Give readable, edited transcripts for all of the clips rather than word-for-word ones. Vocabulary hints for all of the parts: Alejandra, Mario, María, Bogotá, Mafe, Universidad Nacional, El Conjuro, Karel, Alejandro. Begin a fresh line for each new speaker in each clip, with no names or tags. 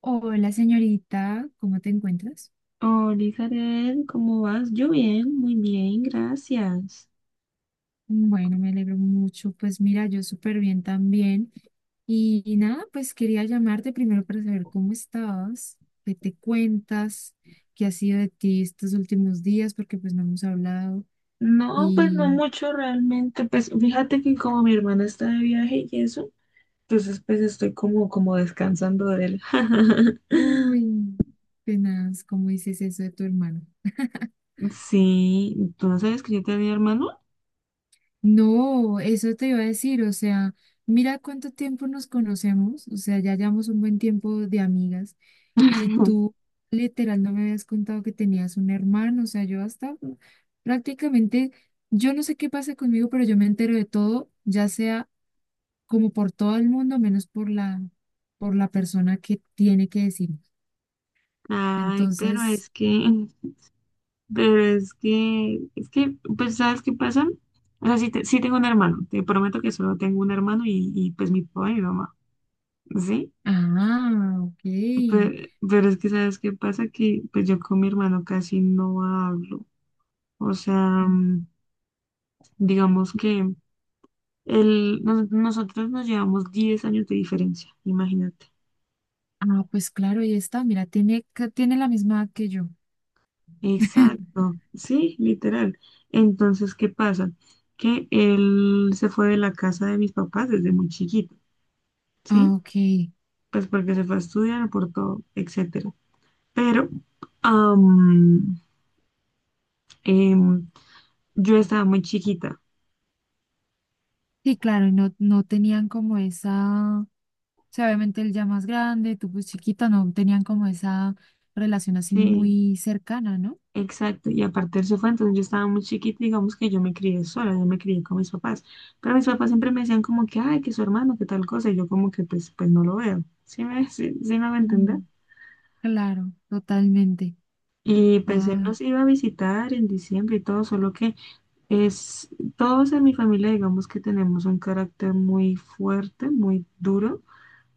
Hola señorita, ¿cómo te encuentras?
Hola, Karel, ¿cómo vas? Yo bien, muy bien, gracias.
Bueno, me alegro mucho. Pues mira, yo súper bien también. Y nada, pues quería llamarte primero para saber cómo estabas, qué te cuentas, qué ha sido de ti estos últimos días, porque pues no hemos hablado.
No, pues no
Y,
mucho realmente. Pues fíjate que como mi hermana está de viaje y eso, entonces pues estoy como, como descansando de él.
uy, tenaz, ¿cómo dices eso de tu hermano?
Sí, ¿tú no sabes que yo tenía hermano?
No, eso te iba a decir, o sea, mira cuánto tiempo nos conocemos, o sea, ya llevamos un buen tiempo de amigas y tú literal no me habías contado que tenías un hermano, o sea, yo hasta prácticamente, yo no sé qué pasa conmigo, pero yo me entero de todo, ya sea como por todo el mundo, menos por la persona que tiene que decir.
Ay,
Entonces,
pero es que, pues, ¿sabes qué pasa? O sea, sí, sí tengo un hermano, te prometo que solo tengo un hermano y pues mi papá y mi mamá, ¿sí?
ah, ok.
Pero, es que, ¿sabes qué pasa? Que pues yo con mi hermano casi no hablo. O sea, mm, digamos que él, nosotros nos llevamos 10 años de diferencia, imagínate.
Ah, pues claro, ahí está, mira, tiene la misma edad que yo.
Exacto, sí, literal. Entonces, ¿qué pasa? Que él se fue de la casa de mis papás desde muy chiquito,
Ah,
¿sí?
ok, sí,
Pues porque se fue a estudiar por todo, etcétera. Pero am, em, yo estaba muy chiquita,
claro, y no tenían como esa, o sea, obviamente él ya más grande, tú pues chiquita, no tenían como esa relación así
sí.
muy cercana, ¿no?
Exacto, y aparte él se fue, entonces yo estaba muy chiquita, digamos que yo me crié sola, yo me crié con mis papás, pero mis papás siempre me decían como que, ay, que su hermano, que tal cosa, y yo como que pues, pues no lo veo, sí, sí me va a entender?
Mm, claro, totalmente.
Y pues él
Ah,
nos iba a visitar en diciembre y todo, solo que es, todos en mi familia digamos que tenemos un carácter muy fuerte, muy duro,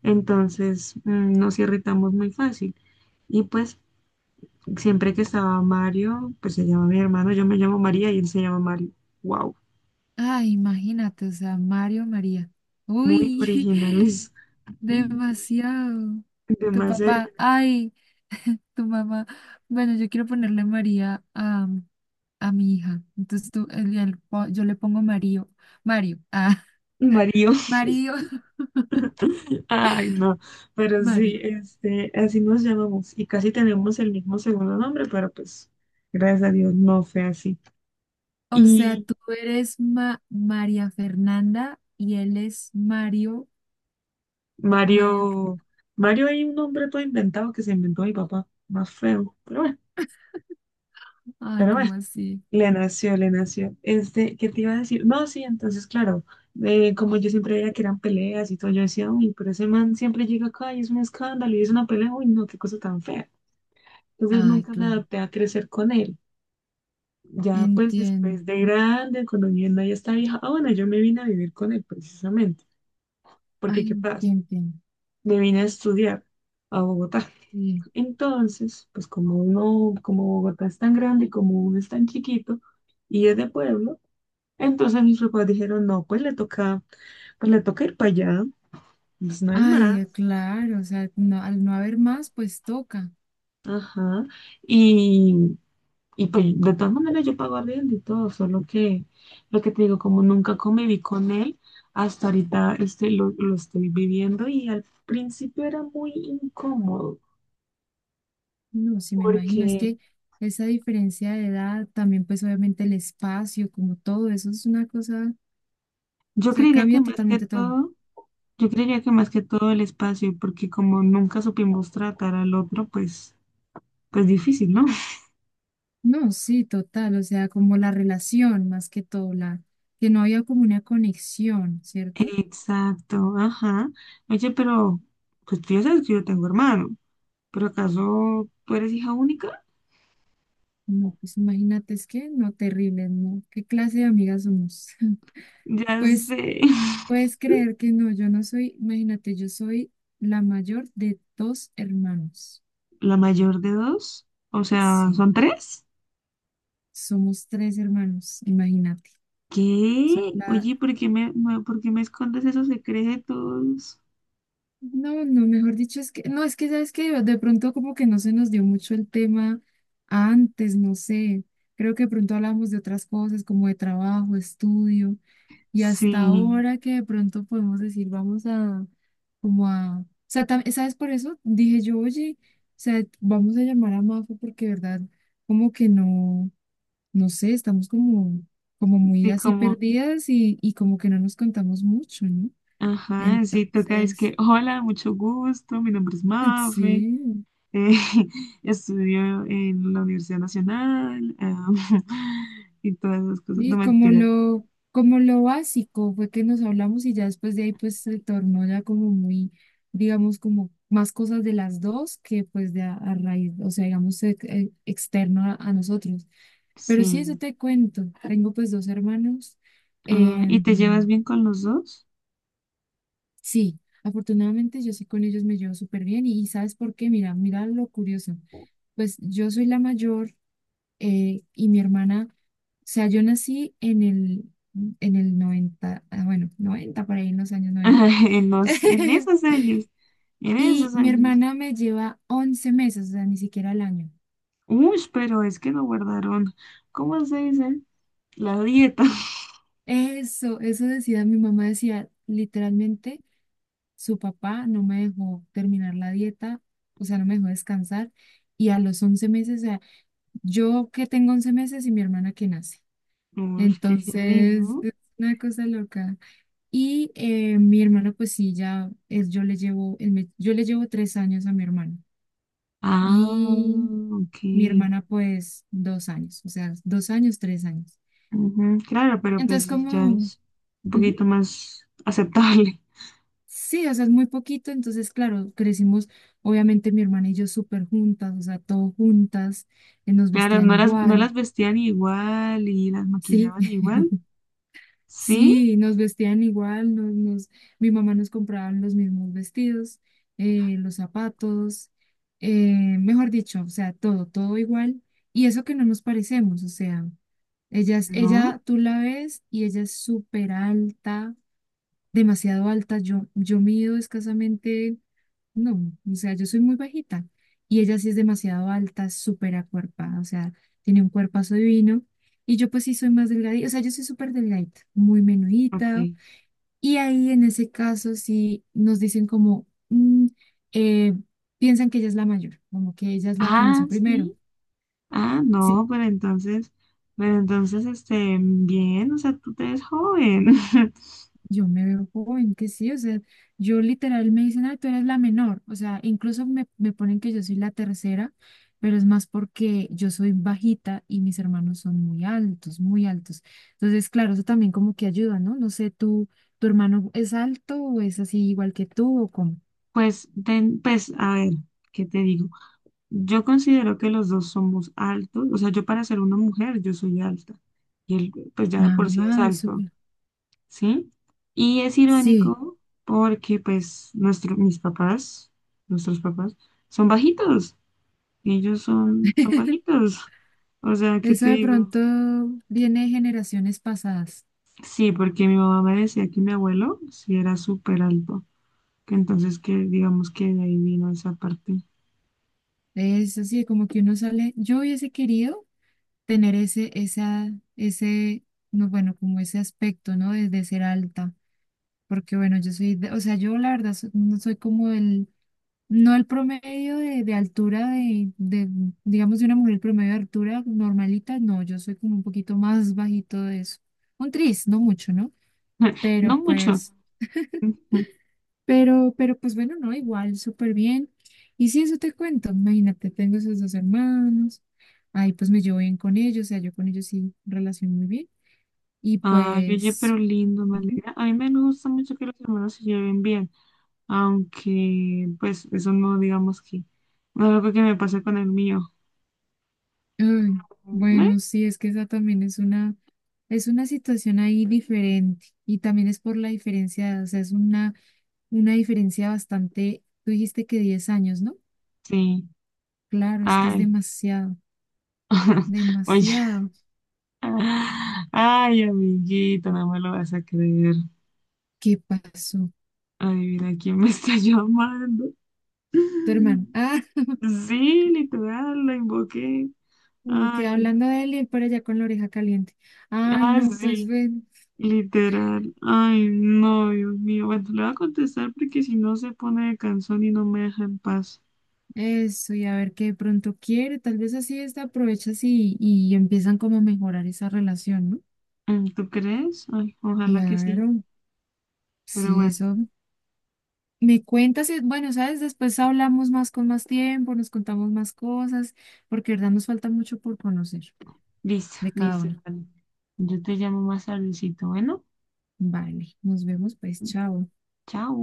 entonces nos irritamos muy fácil. Y pues siempre que estaba Mario, pues se llama mi hermano, yo me llamo María y él se llama Mario. Wow.
ah, imagínate, o sea, Mario, María.
Muy
Uy,
originales.
demasiado. Tu
Demasiado
papá,
originales.
ay, tu mamá. Bueno, yo quiero ponerle María a mi hija. Entonces tú, yo le pongo Mario. Mario, ah,
Mario.
Mario.
Ay, no. Pero sí,
Mario.
este, así nos llamamos. Y casi tenemos el mismo segundo nombre, pero pues, gracias a Dios, no fue así.
O sea,
Y
tú eres María Fernanda y él es Mario. Mario, ¿qué?
Mario, Mario hay un nombre todo inventado que se inventó mi papá, más feo.
ay,
Pero bueno,
¿cómo así?
le nació. Este, ¿qué te iba a decir? No, sí, entonces, claro, como yo siempre veía que eran peleas y todo, yo decía, uy, pero ese man siempre llega acá y es un escándalo y es una pelea, uy, no, qué cosa tan fea. Entonces
Ay,
nunca me
claro.
adapté a crecer con él. Ya pues
Entiendo.
después de grande, cuando mi hermana ya está vieja, ah bueno, yo me vine a vivir con él precisamente, porque ¿qué
Ay, qué
pasa?
entiendo.
Me vine a estudiar a Bogotá.
Sí.
Entonces, pues como uno, como Bogotá es tan grande y como uno es tan chiquito y es de pueblo, entonces mis papás dijeron, no, pues le toca ir para allá, pues no es
Ay,
más.
ya, claro. O sea, no, al no haber más, pues toca.
Ajá. Y, Y pues de todas maneras yo pago arriendo y todo, solo que lo que te digo, como nunca conviví con él, hasta ahorita este, lo estoy viviendo y al principio era muy incómodo,
No, sí, me imagino. Es
porque
que esa diferencia de edad, también pues obviamente el espacio, como todo, eso es una cosa, o
yo
sea,
creería que
cambia
más que
totalmente todo.
todo, yo creería que más que todo el espacio, porque como nunca supimos tratar al otro, pues, pues difícil, ¿no?
No, sí, total, o sea, como la relación más que todo, la que no había como una conexión, ¿cierto?
Exacto, ajá. Oye, pero pues tú ya sabes que yo tengo hermano, pero ¿acaso tú eres hija única?
No, pues imagínate, es que no, terrible, ¿no? ¿Qué clase de amigas somos?
Ya
Pues
sé.
puedes creer que no, yo no soy, imagínate, yo soy la mayor de dos hermanos.
La mayor de dos, o sea,
Sí,
¿son tres?
somos tres hermanos, imagínate. Soy
¿Qué?
la,
Oye, por qué me escondes esos secretos?
No, no, mejor dicho, es que, no, es que sabes que de pronto como que no se nos dio mucho el tema antes, no sé, creo que de pronto hablamos de otras cosas como de trabajo, estudio, y hasta
Sí,
ahora que de pronto podemos decir, vamos a, como a, o sea, ¿sabes por eso? Dije yo, oye, o sea, vamos a llamar a Mafe porque, de verdad, como que no, no sé, estamos como muy
sí,
así
como,
perdidas y como que no nos contamos mucho, ¿no?
ajá, sí, toca, es
Entonces,
que, hola, mucho gusto, mi nombre es Mafe,
sí.
eh, estudio en la Universidad Nacional, ah, y todas esas cosas, no
Y como
mentiras,
lo, como lo básico fue que nos hablamos y ya después de ahí pues se tornó ya como muy, digamos, como más cosas de las dos que pues de a raíz, o sea, digamos, externo a nosotros. Pero sí, eso
sí.
te cuento. Tengo pues dos hermanos.
Ah, ¿y
Em,
te llevas bien con los dos?
sí, afortunadamente yo sí con ellos me llevo súper bien y ¿sabes por qué? Mira, mira lo curioso. Pues yo soy la mayor y mi hermana, o sea, yo nací en el 90 bueno, 90 por ahí en los años noventa.
En en esos años, en
Y
esos
mi
años.
hermana me lleva 11 meses, o sea, ni siquiera el año.
Uy, pero es que no guardaron, ¿cómo se dice? La dieta.
Eso decía mi mamá, decía, literalmente, su papá no me dejó terminar la dieta, o sea, no me dejó descansar. Y a los 11 meses, o sea, yo que tengo 11 meses y mi hermana que nace.
Uy, qué heavy,
Entonces,
¿no?
es una cosa loca. Y mi hermana, pues sí, ya es, yo le llevo 3 años a mi hermano.
Ah,
Y
ok.
mi hermana, pues, 2 años, o sea, 2 años, 3 años.
Ujú, claro, pero
Entonces,
pues ya
como,
es un
ujú,
poquito más aceptable.
sí, o sea, es muy poquito. Entonces, claro, crecimos, obviamente, mi hermana y yo súper juntas, o sea, todo juntas, nos
Claro,
vestían
no
igual,
las vestían igual y las
sí.
maquillaban igual. ¿Sí?
Sí, nos vestían igual, mi mamá nos compraba los mismos vestidos, los zapatos, eh, mejor dicho, o sea, todo, todo igual. Y eso que no nos parecemos, o sea, ella, es-
¿No?
ella tú la ves y ella es súper alta, demasiado alta. Yo mido escasamente no, o sea, yo soy muy bajita y ella sí es demasiado alta, súper acuerpada, o sea, tiene un cuerpazo divino y yo pues sí soy más delgadita, o sea, yo soy súper delgadita, muy
Ok.
menudita y ahí en ese caso sí nos dicen como, eh, piensan que ella es la mayor, como que ella es la que
Ah,
nació primero.
sí. Ah, no,
Sí,
pero entonces, este, bien, o sea, tú te ves joven.
yo me veo joven, que sí, o sea, yo literal me dicen, ay, tú eres la menor, o sea, incluso me ponen que yo soy la tercera, pero es más porque yo soy bajita y mis hermanos son muy altos, muy altos. Entonces, claro, eso también como que ayuda, ¿no? No sé, ¿tu hermano es alto o es así igual que tú o cómo?
Pues, pues, a ver, ¿qué te digo? Yo considero que los dos somos altos, o sea, yo para ser una mujer, yo soy alta y él pues ya de
Ah,
por sí es
ah,
alto,
súper.
¿sí? Y es
Sí,
irónico porque pues mis papás, nuestros papás, son bajitos, ellos son, son bajitos, o sea, ¿qué
eso
te
de
digo?
pronto viene de generaciones pasadas.
Sí, porque mi mamá me decía que mi abuelo sí era súper alto, que entonces que digamos que de ahí vino esa parte,
Es así, como que uno sale, yo hubiese querido tener ese, esa, ese, no, bueno, como ese aspecto, ¿no? De ser alta, porque bueno, yo soy, o sea, yo la verdad no soy como el, no el promedio de altura digamos, de una mujer promedio de altura normalita, no, yo soy como un poquito más bajito de eso, un tris, no mucho, ¿no?
no
Pero
mucho.
pues, pero pues bueno, no, igual, súper bien. Y sí eso te cuento, imagínate, tengo esos dos hermanos, ahí pues me llevo bien con ellos, o sea, yo con ellos sí relaciono muy bien. Y
Ay, oye,
pues,
pero lindo, me
ujú,
alegra. A mí me gusta mucho que los hermanos se lleven bien, aunque pues eso no digamos que no es algo que me pasa con el mío.
ay,
¿Me?
bueno, sí, es que esa también es una situación ahí diferente y también es por la diferencia, o sea, es una diferencia bastante, tú dijiste que 10 años, ¿no?
Sí,
Claro, es que es
ay,
demasiado,
oye,
demasiado.
ay, amiguito, no me lo vas a creer.
¿Qué pasó?
Adivina quién me está llamando.
Tu hermano, ah,
Sí, literal, la invoqué.
como que
Ay,
hablando de él y él por allá con la oreja caliente. Ay,
ah,
no, pues
sí.
bueno,
Literal. Ay, no, Dios mío. Bueno, le voy a contestar porque si no se pone de canción y no me deja en paz.
eso y a ver qué de pronto quiere, tal vez así esta aprovechas y empiezan como a mejorar esa relación, ¿no?
Mm, ¿tú crees? Ay, ojalá que sí.
Claro,
Pero
sí,
bueno,
eso. Me cuentas, y, bueno, sabes, después hablamos más con más tiempo, nos contamos más cosas, porque de verdad nos falta mucho por conocer
listo,
de cada
listo.
una.
Vale. Yo te llamo más tardecito. Bueno,
Vale, nos vemos pues, chao.
chao.